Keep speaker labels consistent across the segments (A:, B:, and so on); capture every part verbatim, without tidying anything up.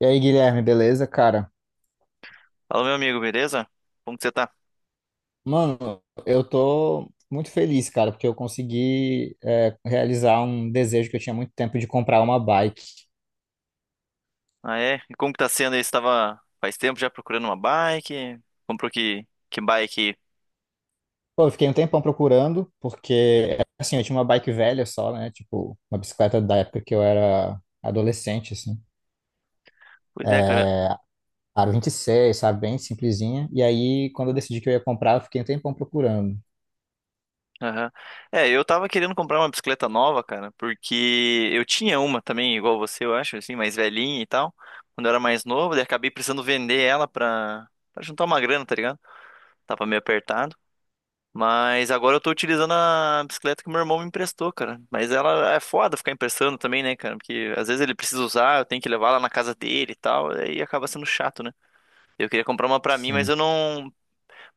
A: E aí, Guilherme, beleza, cara?
B: Fala, meu amigo, beleza? Como que você tá?
A: Mano, eu tô muito feliz, cara, porque eu consegui é, realizar um desejo que eu tinha muito tempo de comprar uma bike.
B: Ah, é? E como que tá sendo aí? Você tava faz tempo já procurando uma bike? Comprou que, que bike?
A: Pô, eu fiquei um tempão procurando, porque, assim, eu tinha uma bike velha só, né? Tipo, uma bicicleta da época que eu era adolescente, assim.
B: Pois é, cara.
A: Aro vinte e seis, sabe? Bem simplesinha. E aí, quando eu decidi que eu ia comprar, eu fiquei um tempão procurando,
B: Aham. É, eu tava querendo comprar uma bicicleta nova, cara, porque eu tinha uma também, igual você, eu acho, assim, mais velhinha e tal, quando eu era mais novo, daí acabei precisando vender ela pra, pra juntar uma grana, tá ligado? Tava meio apertado. Mas agora eu tô utilizando a bicicleta que meu irmão me emprestou, cara. Mas ela é foda ficar emprestando também, né, cara? Porque às vezes ele precisa usar, eu tenho que levar lá na casa dele e tal, aí acaba sendo chato, né? Eu queria comprar uma pra mim, mas
A: assim.
B: eu não.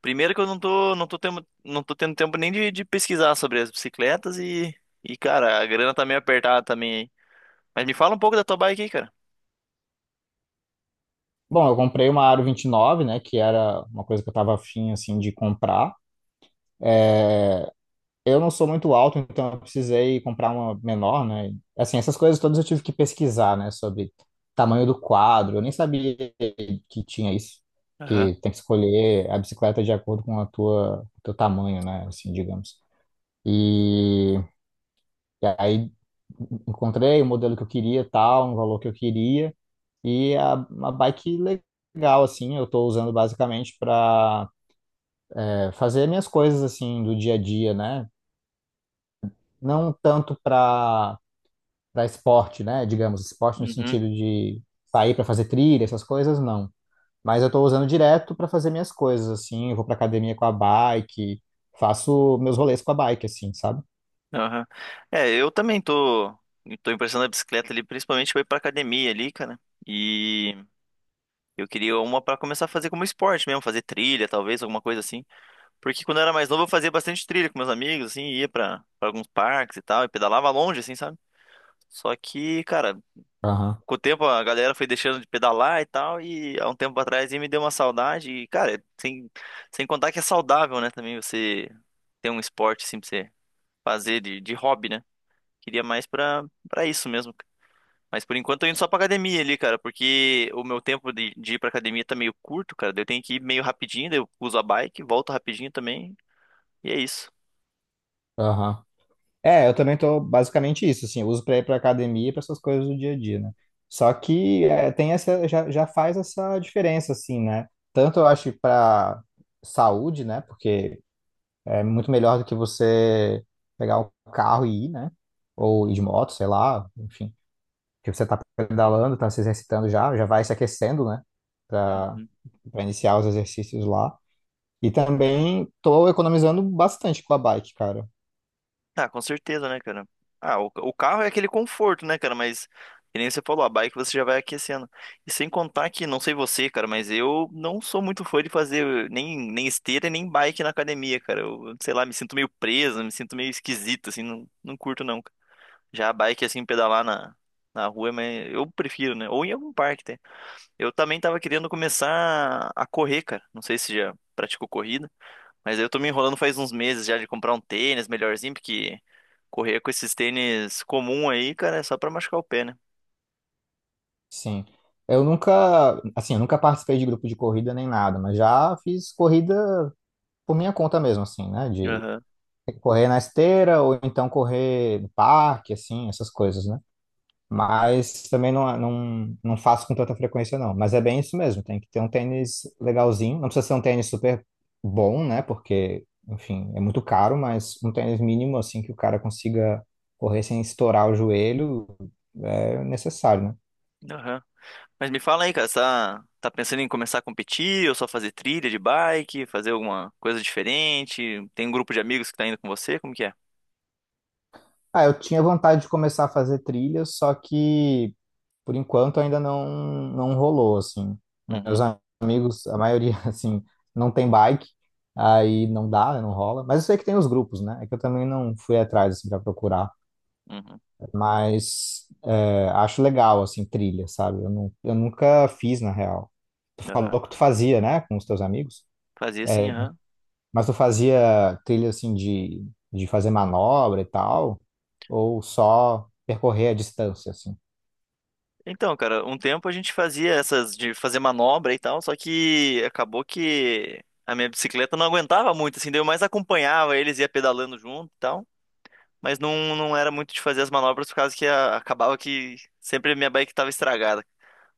B: Primeiro que eu não tô, não tô tendo, não tô tendo tempo nem de, de pesquisar sobre as bicicletas e, e, cara, a grana tá meio apertada também aí. Mas me fala um pouco da tua bike aí, cara.
A: Bom, eu comprei uma Aro vinte e nove, né? Que era uma coisa que eu tava afim, assim, de comprar. Eu não sou muito alto, então eu precisei comprar uma menor, né? Assim, essas coisas todas eu tive que pesquisar, né? Sobre tamanho do quadro. Eu nem sabia que tinha isso,
B: Aham.
A: que tem que escolher a bicicleta de acordo com a tua, o teu tamanho, né? Assim, digamos. E, e aí encontrei o modelo que eu queria, tal, um valor que eu queria e a, uma bike legal, assim. Eu estou usando basicamente para fazer minhas coisas assim do dia a dia, né? Não tanto para para esporte, né? Digamos, esporte no
B: Uhum.
A: sentido de sair para fazer trilha, essas coisas, não. Mas eu estou usando direto para fazer minhas coisas, assim. Eu vou para academia com a bike, faço meus rolês com a bike, assim, sabe?
B: Aham. É, eu também tô, tô emprestando a bicicleta ali, principalmente pra ir pra academia ali, cara. E. Eu queria uma pra começar a fazer como esporte mesmo, fazer trilha, talvez, alguma coisa assim. Porque quando eu era mais novo, eu fazia bastante trilha com meus amigos, assim, ia pra, pra alguns parques e tal, e pedalava longe, assim, sabe? Só que, cara,
A: Aham,
B: com o tempo a galera foi deixando de pedalar e tal, e há um tempo atrás aí me deu uma saudade, e, cara, sem, sem contar que é saudável, né, também você ter um esporte, assim, pra você fazer de, de hobby, né? Queria mais pra, pra isso mesmo. Mas por enquanto eu tô indo só pra academia ali, cara, porque o meu tempo de, de ir pra academia tá meio curto, cara. Daí Eu tenho que ir meio rapidinho, daí eu uso a bike, volto rapidinho também, e é isso.
A: aham. É, eu também tô basicamente isso, assim, eu uso para ir para academia e para essas coisas do dia a dia, né? Só que é, tem essa, já, já faz essa diferença, assim, né? Tanto eu acho para saúde, né? Porque é muito melhor do que você pegar o carro e ir, né? Ou ir de moto, sei lá, enfim. Porque você tá pedalando, tá se exercitando já, já vai se aquecendo, né? Pra,
B: Uhum.
A: pra iniciar os exercícios lá. E também tô economizando bastante com a bike, cara.
B: Ah, com certeza, né, cara? Ah, o, o carro é aquele conforto, né, cara? Mas, que nem você falou, a bike você já vai aquecendo. E sem contar que, não sei você, cara, mas eu não sou muito fã de fazer nem, nem esteira e nem bike na academia, cara. Eu, sei lá, me sinto meio preso, me sinto meio esquisito, assim, não, não curto, não. Já a bike, assim, pedalar na, na rua, mas eu prefiro, né? Ou em algum parque, tem. Eu também tava querendo começar a correr, cara. Não sei se já praticou corrida, mas eu tô me enrolando faz uns meses já de comprar um tênis melhorzinho, porque correr com esses tênis comum aí, cara, é só pra machucar o pé, né?
A: Sim. Eu nunca, assim, eu nunca participei de grupo de corrida nem nada, mas já fiz corrida por minha conta mesmo, assim, né? De
B: Aham,
A: correr na esteira ou então correr no parque, assim, essas coisas, né? Mas também não, não, não faço com tanta frequência, não. Mas é bem isso mesmo, tem que ter um tênis legalzinho. Não precisa ser um tênis super bom, né? Porque, enfim, é muito caro, mas um tênis mínimo, assim, que o cara consiga correr sem estourar o joelho, é necessário, né?
B: aham. Mas me fala aí, cara, você tá, tá pensando em começar a competir ou só fazer trilha de bike, fazer alguma coisa diferente? Tem um grupo de amigos que tá indo com você? Como que é?
A: Ah, eu tinha vontade de começar a fazer trilha, só que por enquanto ainda não, não rolou, assim. Meus
B: Uhum,
A: amigos, a maioria, assim, não tem bike, aí não dá, né, não rola. Mas eu sei que tem os grupos, né? É que eu também não fui atrás, assim, pra procurar.
B: uhum,
A: Mas é, acho legal, assim, trilha, sabe? Eu, não, eu nunca fiz, na real. Tu
B: aham.
A: falou que tu fazia, né, com os teus amigos.
B: Fazia assim,
A: É,
B: aham.
A: mas tu fazia trilha, assim, de, de fazer manobra e tal? Ou só percorrer a distância, assim?
B: Então, cara, um tempo a gente fazia essas de fazer manobra e tal, só que acabou que a minha bicicleta não aguentava muito, assim, daí eu mais acompanhava eles, ia pedalando junto e tal, mas não, não era muito de fazer as manobras por causa que a- acabava que sempre a minha bike tava estragada.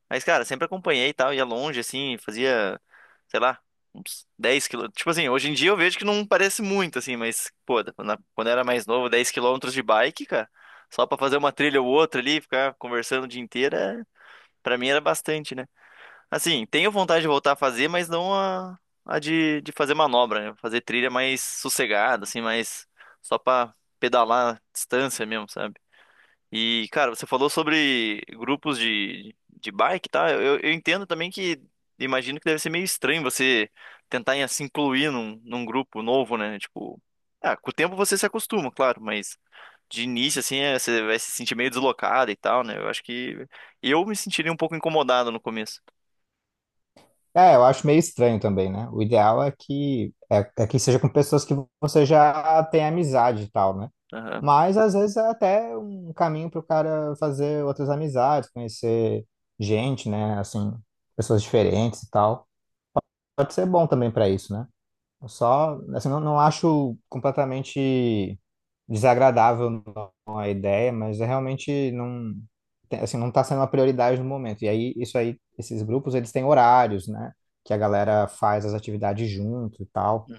B: Mas, cara, sempre acompanhei e tal, ia longe, assim, fazia, sei lá, uns 10 quilômetros. Tipo assim, hoje em dia eu vejo que não parece muito, assim, mas, pô, na- quando eu era mais novo, dez quilômetros de bike, cara, só pra fazer uma trilha ou outra ali, ficar conversando o dia inteiro. é Pra mim era bastante, né? Assim, tenho vontade de voltar a fazer, mas não a, a de, de fazer manobra, né? Fazer trilha mais sossegada, assim, mais só pra pedalar a distância mesmo, sabe? E, cara, você falou sobre grupos de, de bike, tá? Eu, eu entendo também que, imagino que deve ser meio estranho você tentar em- se incluir num, num grupo novo, né? Tipo, ah, com o tempo você se acostuma, claro, mas de início, assim, é, você vai se sentir meio deslocado e tal, né? Eu acho que eu me sentiria um pouco incomodado no começo.
A: É, eu acho meio estranho também, né? O ideal é que é, é que seja com pessoas que você já tem amizade e tal, né?
B: Aham.
A: Mas às vezes é até um caminho para o cara fazer outras amizades, conhecer gente, né? Assim, pessoas diferentes e tal. Pode ser bom também para isso, né? Eu só, assim, não, não acho completamente desagradável não, a ideia, mas é realmente não, tem- assim, não está sendo uma prioridade no momento. E aí, isso aí, esses grupos, eles têm horários, né? Que a galera faz as atividades junto e tal.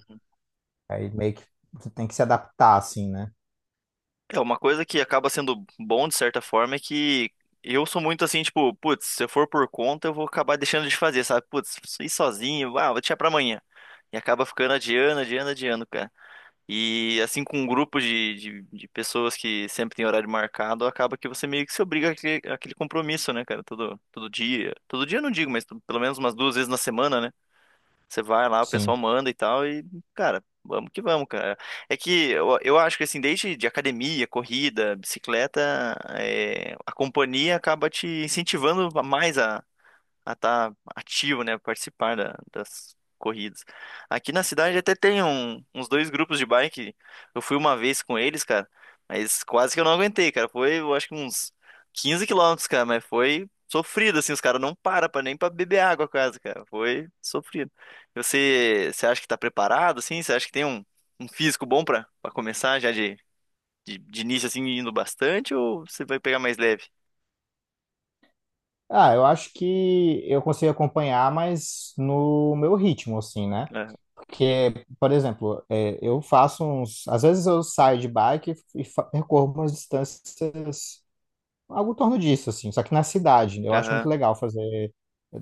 A: Aí meio que tu tem que se adaptar, assim, né?
B: É, uma coisa que acaba sendo bom de certa forma é que eu sou muito assim, tipo, putz, se eu for por conta, eu vou acabar deixando de fazer, sabe? Putz, isso eu sozinho, ah, vou deixar pra amanhã. E acaba ficando adiando, adiando, adiando, cara. E assim, com um grupo de, de, de pessoas que sempre tem horário marcado, acaba que você meio que se obriga àquele, àquele compromisso, né, cara? Todo, todo dia. Todo dia eu não digo, mas pelo menos umas duas vezes na semana, né? Você vai lá, o pessoal
A: Sim.
B: manda e tal, e, cara, vamos que vamos, cara. É que eu, eu acho que, assim, desde de academia, corrida, bicicleta, é, a companhia acaba te incentivando mais a, a estar ativo, né, participar da- das corridas. Aqui na cidade até tem um- uns dois grupos de bike. Eu fui uma vez com eles, cara, mas quase que eu não aguentei, cara. Foi, eu acho que uns quinze quilômetros, cara, mas foi sofrido, assim, os caras não param pra, nem pra beber água quase, cara. Foi sofrido. E Você, você acha que tá preparado, assim? Você acha que tem um, um físico bom pra, pra começar já de, de, de início, assim, indo bastante, ou você vai pegar mais leve?
A: Ah, eu acho que eu consigo acompanhar, mas no meu ritmo, assim, né?
B: Aham,
A: Porque, por exemplo, é, eu faço uns. Às vezes eu saio de bike e fa- percorro umas distâncias, algo em torno disso, assim, só que na cidade. Eu acho muito
B: aham,
A: legal fazer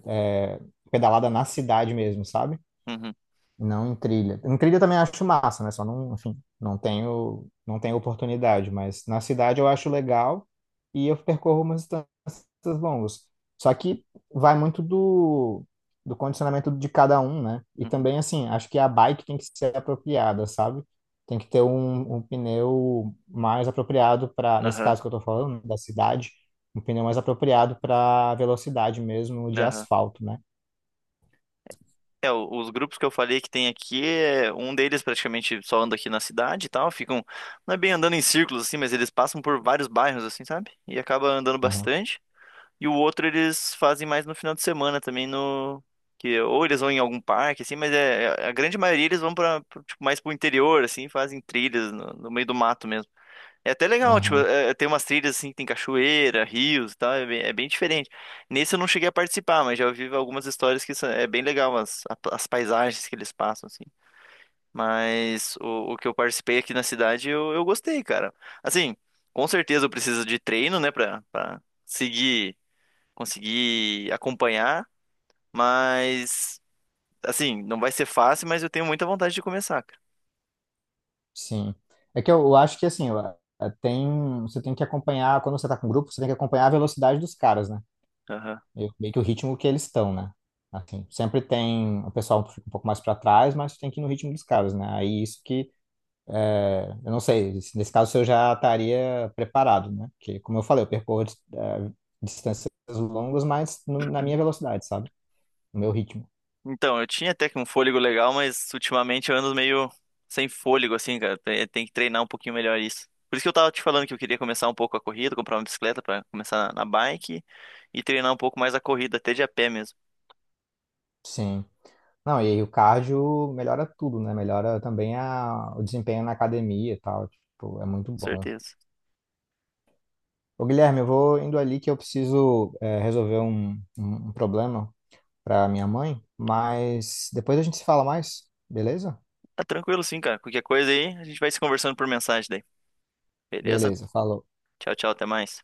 A: é, pedalada na cidade mesmo, sabe?
B: uhum,
A: Não em trilha. Em trilha eu também acho massa, né? Só não, enfim, não tenho, não tenho oportunidade, mas na cidade eu acho legal e eu percorro umas distâncias longas. Só que vai muito do, do condicionamento de cada um, né? E
B: uhum,
A: também, assim, acho que a bike tem que ser apropriada, sabe? Tem que ter um, um pneu mais apropriado para, nesse
B: aham,
A: caso que eu tô falando, né, da cidade, um pneu mais apropriado para velocidade mesmo de
B: aham.
A: asfalto, né?
B: É, o- os grupos que eu falei que tem aqui, é, um deles praticamente só anda aqui na cidade e tal, ficam, não é bem andando em círculos assim, mas eles passam por vários bairros assim, sabe? E acaba andando
A: Aham,
B: bastante. E o outro eles fazem mais no final de semana também no que ou eles vão em algum parque assim, mas é é- a grande maioria eles vão para tipo mais pro interior assim, fazem trilhas no, no meio do mato mesmo. É até legal, tipo,
A: aham.
B: é- é, tem umas trilhas assim que tem cachoeira, rios e tal, é bem, é bem diferente. Nesse eu não cheguei a participar, mas já ouvi algumas histórias que são- é bem legal as, a- as paisagens que eles passam, assim. Mas o, o que eu participei aqui na cidade eu, eu gostei, cara. Assim, com certeza eu preciso de treino, né, pra, pra seguir, conseguir acompanhar, mas assim, não vai ser fácil, mas eu tenho muita vontade de começar,
A: Sim. É que eu, eu acho que assim, eu- eh, tem, você tem que acompanhar, quando você tá com grupo, você tem que acompanhar a velocidade dos caras, né?
B: cara.
A: E meio que o ritmo que eles estão, né? Assim, sempre tem, o pessoal fica um pouco mais para trás, mas tem que ir no ritmo dos caras, né? Aí isso que, eh, eu não sei, se nesse caso eu já estaria preparado, né? Porque, como eu falei, eu percorro, eh, distâncias longas, mas no- na minha velocidade, sabe? No meu ritmo.
B: Então, eu tinha até que um fôlego legal, mas ultimamente eu ando meio sem fôlego, assim, cara. Tem tem que treinar um pouquinho melhor isso. Por isso que eu tava te falando que eu queria começar um pouco a corrida, comprar uma bicicleta pra começar na na bike e treinar um pouco mais a corrida, até de a pé mesmo,
A: Sim. Não, e aí o cardio melhora tudo, né? Melhora também a, o desempenho na academia e tal. Tipo, é
B: com
A: muito bom.
B: certeza.
A: Ô, Guilherme, eu vou indo ali que eu preciso é, resolver um, um, um problema para minha mãe, mas depois a gente se fala mais, beleza?
B: Tá tranquilo sim, cara. Qualquer coisa aí, a gente vai se conversando por mensagem daí. Beleza?
A: Beleza, falou.
B: Tchau, tchau, até mais.